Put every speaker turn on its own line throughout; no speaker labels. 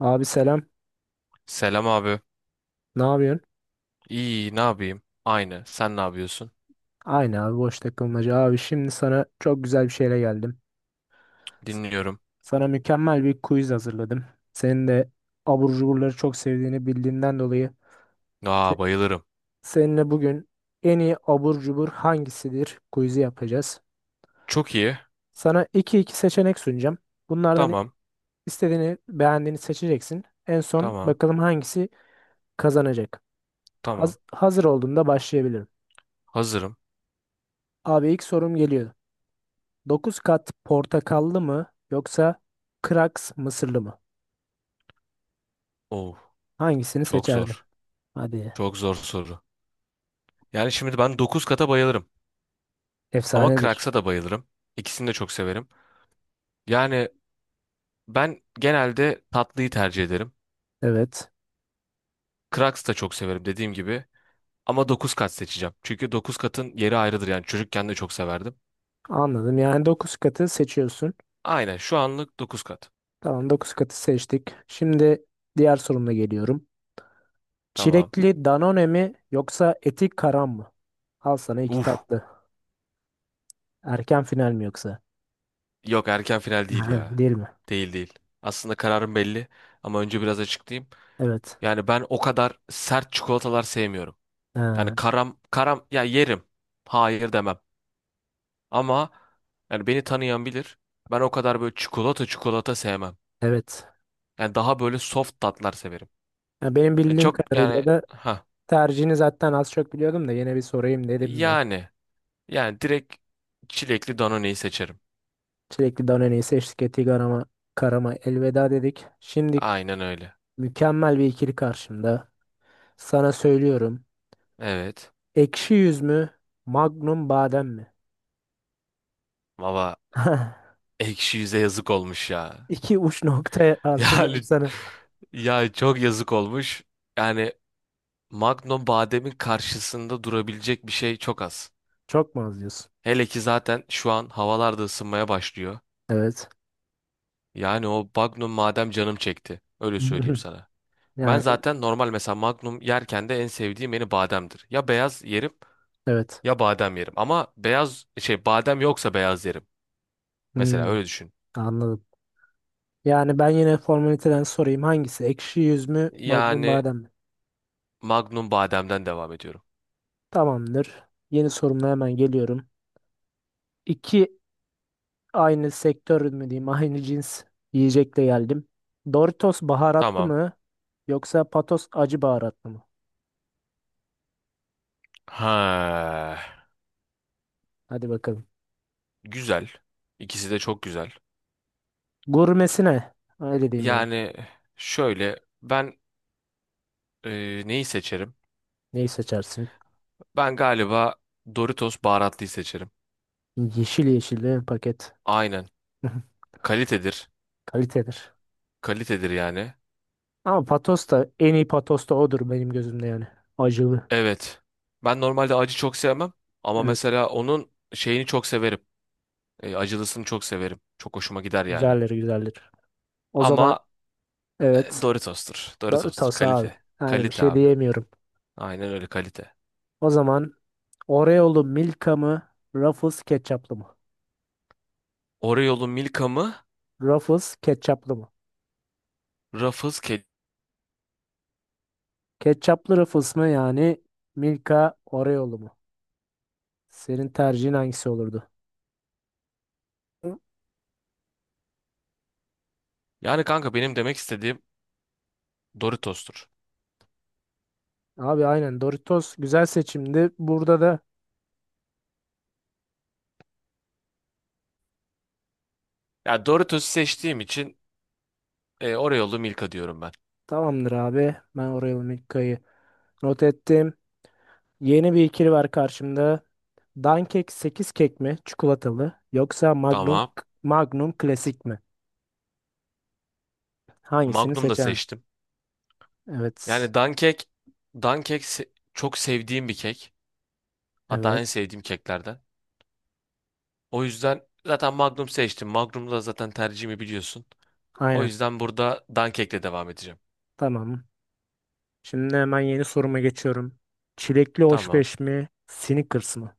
Abi selam.
Selam abi.
Ne yapıyorsun?
İyi, ne yapayım? Aynı. Sen ne yapıyorsun?
Aynı abi boş takılmaca. Abi şimdi sana çok güzel bir şeyle geldim. S-
Dinliyorum.
Sana mükemmel bir quiz hazırladım. Senin de abur cuburları çok sevdiğini bildiğimden dolayı
Aa,
se-
bayılırım.
seninle bugün en iyi abur cubur hangisidir quiz'i yapacağız.
Çok iyi.
Sana iki seçenek sunacağım. Bunlardan
Tamam,
istediğini beğendiğini seçeceksin. En son
tamam,
bakalım hangisi kazanacak.
tamam.
Hazır olduğunda başlayabilirim.
Hazırım.
Abi ilk sorum geliyor. 9 kat portakallı mı yoksa kraks mısırlı mı?
Oh,
Hangisini
çok
seçerdin?
zor.
Hadi.
Çok zor soru. Yani şimdi ben 9 kata bayılırım. Ama
Efsanedir.
Cracks'a da bayılırım. İkisini de çok severim. Yani ben genelde tatlıyı tercih ederim.
Evet.
Cracks da çok severim dediğim gibi. Ama 9 kat seçeceğim. Çünkü 9 katın yeri ayrıdır yani. Çocukken de çok severdim.
Anladım. Yani 9 katı seçiyorsun.
Aynen şu anlık 9 kat.
Tamam, dokuz katı seçtik. Şimdi diğer sorumla geliyorum.
Tamam.
Çilekli Danone mi yoksa eti karam mı? Al sana iki
Uf.
tatlı. Erken final mi yoksa?
Yok, erken final değil ya.
Değil mi?
Değil değil. Aslında kararım belli ama önce biraz açıklayayım.
Evet.
Yani ben o kadar sert çikolatalar sevmiyorum. Yani
Ha,
karam karam ya yerim. Hayır demem. Ama yani beni tanıyan bilir. Ben o kadar böyle çikolata çikolata sevmem.
evet.
Yani daha böyle soft tatlar severim.
Ya benim
Yani
bildiğim
çok
kadarıyla
yani
da
ha
tercihini zaten az çok biliyordum da yine bir sorayım dedim ben.
yani yani direkt çilekli Danone'yi seçerim.
Çilekli Danone'yi seçtik. Eti karama, karama elveda dedik. Şimdi
Aynen öyle.
mükemmel bir ikili karşımda. Sana söylüyorum.
Evet.
Ekşi yüz mü? Magnum badem mi?
Baba, ekşi yüze yazık olmuş ya.
İki uç noktaya hazırlayayım
Yani
sana.
ya çok yazık olmuş. Yani Magnum bademin karşısında durabilecek bir şey çok az.
Çok mu az diyorsun?
Hele ki zaten şu an havalar da ısınmaya başlıyor.
Evet.
Yani o Magnum madem canım çekti. Öyle söyleyeyim sana. Ben
Yani
zaten normal mesela Magnum yerken de en sevdiğim beni bademdir. Ya beyaz yerim
evet.
ya badem yerim. Ama beyaz şey badem yoksa beyaz yerim. Mesela
Hmm,
öyle düşün.
anladım. Yani ben yine formaliteden sorayım. Hangisi? Ekşi yüz mü? Magnum
Yani
badem mi?
Magnum bademden devam ediyorum.
Tamamdır. Yeni sorumla hemen geliyorum. İki aynı sektör mü diyeyim, aynı cins yiyecekle geldim. Doritos baharatlı
Tamam.
mı yoksa Patos acı baharatlı mı?
Ha.
Hadi bakalım.
Güzel. İkisi de çok güzel.
Gurmesine. Öyle diyeyim yani.
Yani şöyle ben neyi seçerim?
Neyi seçersin?
Ben galiba Doritos baharatlıyı seçerim.
Yeşil yeşil değil mi paket?
Aynen. Kalitedir.
Kalitedir.
Kalitedir yani.
Ama Patos da en iyi Patos da odur benim gözümde yani. Acılı.
Evet. Ben normalde acı çok sevmem ama
Evet.
mesela onun şeyini çok severim. Acılısını çok severim. Çok hoşuma gider yani.
Güzeldir, güzeldir. O zaman
Ama
evet.
Doritos'tur. Doritos'tur.
Doritos abi.
Kalite.
Yani bir
Kalite
şey
abi.
diyemiyorum.
Aynen öyle kalite.
O zaman Oreo'lu Milka mı? Ruffles ketçaplı mı?
Oreo'lu Milka mı?
Ruffles ketçaplı mı?
Ruffles kedi.
Ketçaplı Ruffles mı yani Milka Oreo'lu mu? Senin tercihin hangisi olurdu? Hı?
Yani kanka benim demek istediğim Doritos'tur.
Abi aynen Doritos güzel seçimdi. Burada da
Ya Doritos'u seçtiğim için Oreo'lu Milka diyorum ben.
tamamdır abi. Ben Oreo Milka'yı not ettim. Yeni bir ikili var karşımda. Dunkek 8 kek mi? Çikolatalı yoksa Magnum
Tamam.
Magnum klasik mi? Hangisini
Magnum da
seçerdin?
seçtim.
Evet.
Yani dankek, çok sevdiğim bir kek. Hatta en
Evet.
sevdiğim keklerden. O yüzden zaten Magnum seçtim. Magnum da zaten tercihimi biliyorsun. O
Aynen.
yüzden burada dankekle devam edeceğim.
Tamam. Şimdi hemen yeni soruma geçiyorum. Çilekli
Tamam.
hoşbeş mi? Snickers mı?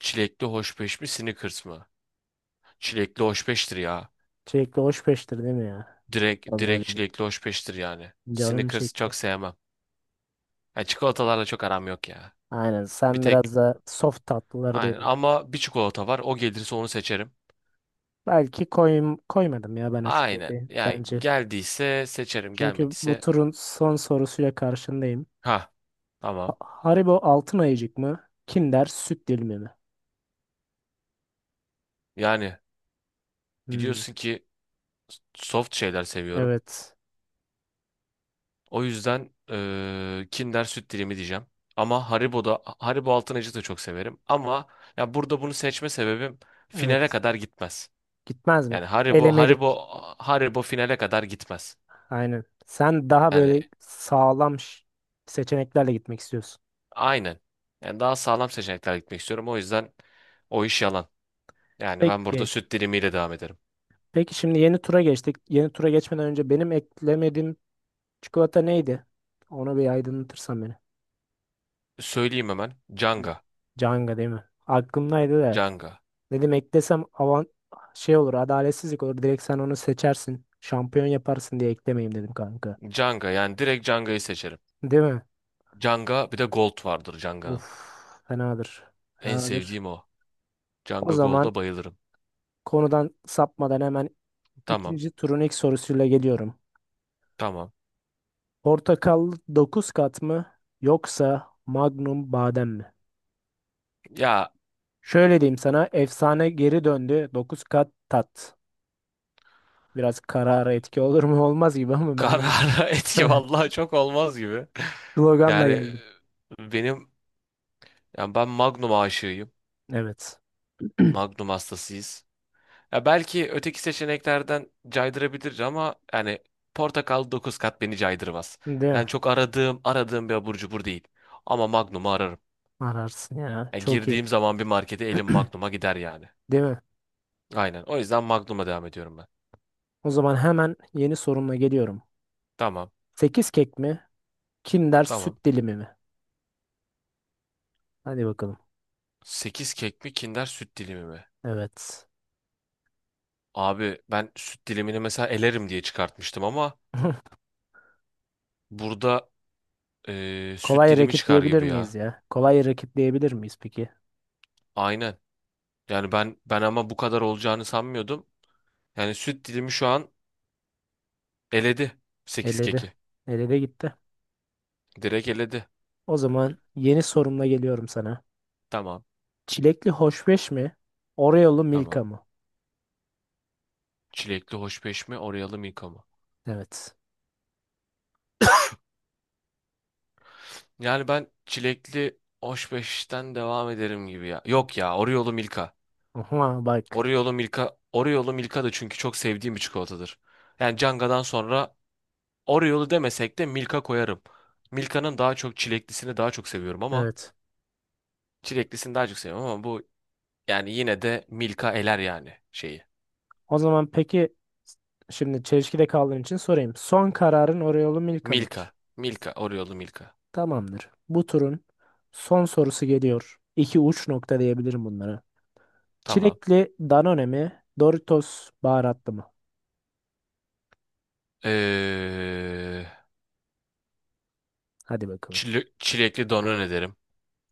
Çilekli hoşbeş mi, Snickers mı? Çilekli hoşbeştir ya.
Sürekli hoş peştir değil mi ya?
Direkt
Abi öyle
direkt
mi?
çilekli hoşbeştir yani.
Canım
Snickers
çekti.
çok sevmem. Ya çikolatalarla çok aram yok ya.
Aynen,
Bir
sen
tek,
biraz da soft tatlıları
aynen,
diyelim.
ama bir çikolata var. O gelirse onu seçerim.
Belki koyayım, koymadım ya ben o
Aynen.
çikolatayı
Yani
bence.
geldiyse seçerim,
Çünkü bu
gelmediyse
turun son sorusuyla karşındayım.
ha, tamam.
Haribo altın ayıcık mı? Kinder süt dilimi mi?
Yani
Hmm,
biliyorsun ki soft şeyler seviyorum.
evet.
O yüzden Kinder süt dilimi diyeceğim. Ama Haribo'da Haribo altın acı da çok severim. Ama ya burada bunu seçme sebebim finale
Evet.
kadar gitmez.
Gitmez mi?
Yani Haribo
Elemelik.
Haribo finale kadar gitmez.
Aynen. Sen daha
Yani
böyle sağlam seçeneklerle gitmek istiyorsun.
aynen. Yani daha sağlam seçenekler gitmek istiyorum. O yüzden o iş yalan. Yani ben burada
Peki.
süt dilimiyle devam ederim.
Peki şimdi yeni tura geçtik. Yeni tura geçmeden önce benim eklemediğim çikolata neydi? Onu bir aydınlatırsan beni.
Söyleyeyim hemen. Canga.
Canga değil mi? Aklımdaydı da.
Canga.
Dedim eklesem avant şey olur, adaletsizlik olur. Direkt sen onu seçersin. Şampiyon yaparsın diye eklemeyeyim dedim kanka.
Canga yani direkt Canga'yı seçerim.
Değil mi?
Canga bir de Gold vardır Canga'nın.
Uf, fenadır.
En
Fenadır.
sevdiğim o.
O
Canga
zaman
Gold'a bayılırım.
konudan sapmadan hemen
Tamam.
ikinci turun ilk sorusuyla geliyorum.
Tamam.
Portakal 9 kat mı yoksa Magnum badem mi?
Ya
Şöyle diyeyim sana, efsane geri döndü 9 kat tat. Biraz karara etki olur mu olmaz gibi ama ben
karara etki vallahi çok olmaz gibi.
sloganla
Yani
geldim.
benim yani ben Magnum aşığıyım.
Evet.
Magnum hastasıyız. Ya belki öteki seçeneklerden caydırabilir ama yani portakal 9 kat beni caydırmaz.
Değil mi?
Yani çok aradığım bir abur cubur değil. Ama Magnum'u ararım.
Ararsın ya.
Yani
Çok iyi.
girdiğim zaman bir markete elim Magnum'a gider yani.
Değil mi?
Aynen. O yüzden Magnum'a devam ediyorum ben.
O zaman hemen yeni sorumla geliyorum.
Tamam.
Sekiz kek mi? Kinder
Tamam.
süt dilimi mi? Hadi bakalım.
8 kek mi, Kinder süt dilimi mi?
Evet.
Abi ben süt dilimini mesela elerim diye çıkartmıştım ama burada süt
Kolay
dilimi
rakip
çıkar
diyebilir
gibi
miyiz
ya.
ya? Kolay rakip diyebilir miyiz peki?
Aynen. Yani ben ama bu kadar olacağını sanmıyordum. Yani süt dilimi şu an eledi 8
Eledi.
keki.
Eledi gitti.
Direkt eledi.
O zaman yeni sorumla geliyorum sana.
Tamam.
Çilekli hoşbeş mi? Oreo'lu Milka
Tamam.
mı?
Çilekli hoşbeş mi? Oryalı Miko mu?
Evet.
Yani ben çilekli hoşbeşten devam ederim gibi ya. Yok ya. Oreo'lu Milka.
Aha bak.
Oreo'lu Milka. Oreo'lu Milka da çünkü çok sevdiğim bir çikolatadır. Yani Canga'dan sonra Oreo'lu demesek de Milka koyarım. Milka'nın daha çok çileklisini daha çok seviyorum ama
Evet.
çileklisini daha çok seviyorum ama bu, yani yine de Milka eler yani şeyi.
O zaman peki şimdi çelişkide kaldığın için sorayım. Son kararın Oreo'lu Milka
Milka.
mıdır?
Milka. Oreo'lu Milka.
Tamamdır. Bu turun son sorusu geliyor. İki uç nokta diyebilirim bunlara.
Tamam.
Çilekli Danone mi? Doritos baharatlı mı?
Ee,
Hadi bakalım.
Çilekli doner ederim.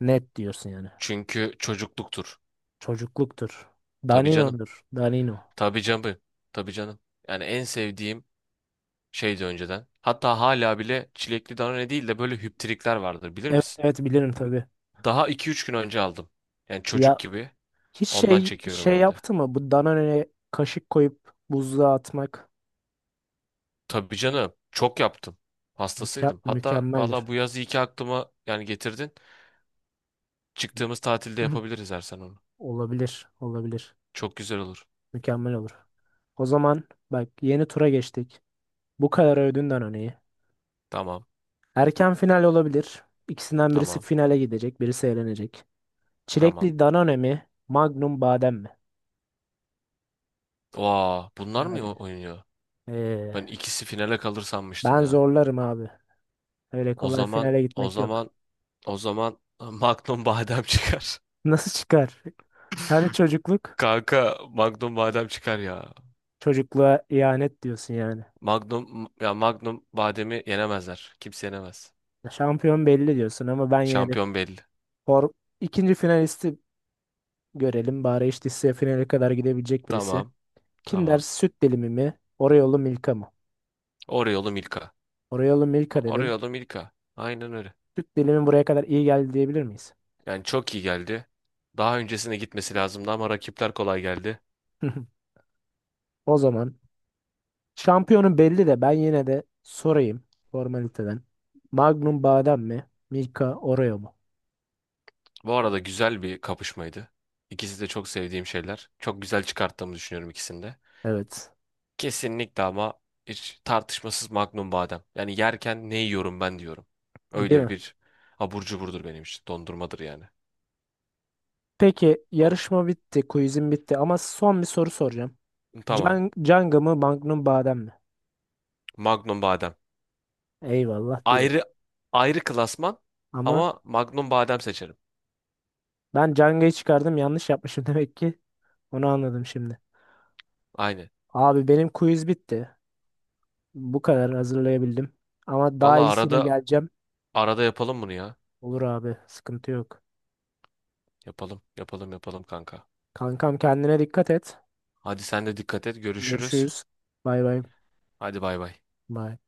Net diyorsun yani.
Çünkü çocukluktur.
Çocukluktur.
Tabii canım.
Danino'dur. Danino.
Tabii canım. Tabii canım. Yani en sevdiğim şeydi önceden. Hatta hala bile çilekli donone değil de böyle hüptrikler vardır, bilir
Evet,
misin?
evet, bilirim tabii.
Daha iki üç gün önce aldım. Yani çocuk
Ya
gibi
hiç
ondan
şey
çekiyorum
şey
evde.
yaptı mı? Bu Danone'ye kaşık koyup buzluğa atmak
Tabii canım. Çok yaptım. Hastasıydım. Hatta valla
mükemmeldir.
bu yaz iyi ki aklıma yani getirdin. Çıktığımız tatilde yapabiliriz Ersen onu.
Olabilir, olabilir.
Çok güzel olur.
Mükemmel olur. O zaman bak, yeni tura geçtik. Bu kadar övdüğünden örneği.
Tamam.
Erken final olabilir. İkisinden birisi
Tamam.
finale gidecek, birisi eğlenecek.
Tamam.
Çilekli Danone mi, Magnum badem mi?
Vaa, bunlar mı
Abi.
oynuyor?
Ee,
Ben ikisi finale kalır sanmıştım
ben
ya.
zorlarım abi. Öyle
O
kolay
zaman
finale
o
gitmek yok.
zaman o zaman Magnum badem çıkar.
Nasıl çıkar? Hani çocukluk?
Kanka Magnum badem çıkar ya.
Çocukluğa ihanet diyorsun yani.
Magnum ya, Magnum bademi yenemezler. Kimse yenemez.
Şampiyon belli diyorsun ama ben yine de
Şampiyon belli.
for... ikinci finalisti görelim. Bari işte finale kadar gidebilecek birisi.
Tamam.
Kinder
Tamam.
süt dilimi mi? Oreo'lu Milka mı?
Oreo'lu Milka.
Oreo'lu Milka dedin.
Oreo'lu Milka. Aynen öyle.
Süt dilimi buraya kadar iyi geldi diyebilir miyiz?
Yani çok iyi geldi. Daha öncesine gitmesi lazımdı ama rakipler kolay geldi.
O zaman şampiyonun belli de ben yine de sorayım formaliteden. Magnum badem mi? Milka Oreo mu?
Bu arada güzel bir kapışmaydı. İkisi de çok sevdiğim şeyler. Çok güzel çıkarttığımı düşünüyorum ikisinde.
Evet.
Kesinlikle ama hiç tartışmasız Magnum badem. Yani yerken ne yiyorum ben diyorum.
Değil
Öyle
mi?
bir abur cuburdur benim için. Dondurmadır yani.
Peki
O-
yarışma bitti, quizim bitti ama son bir soru soracağım.
Tamam.
Can Canga mı Magnum badem mi?
Magnum badem.
Eyvallah diyorum.
Ayrı ayrı klasman
Ama
ama Magnum badem seçerim.
ben Canga'yı çıkardım, yanlış yapmışım demek ki. Onu anladım şimdi.
Aynı.
Abi benim quiz bitti. Bu kadar hazırlayabildim. Ama daha
Valla
iyisiyle
arada
geleceğim.
arada yapalım bunu ya.
Olur abi, sıkıntı yok.
Yapalım. Yapalım kanka.
Kankam, kendine dikkat et.
Hadi sen de dikkat et. Görüşürüz.
Görüşürüz. Bay bay.
Hadi bay bay.
Bay.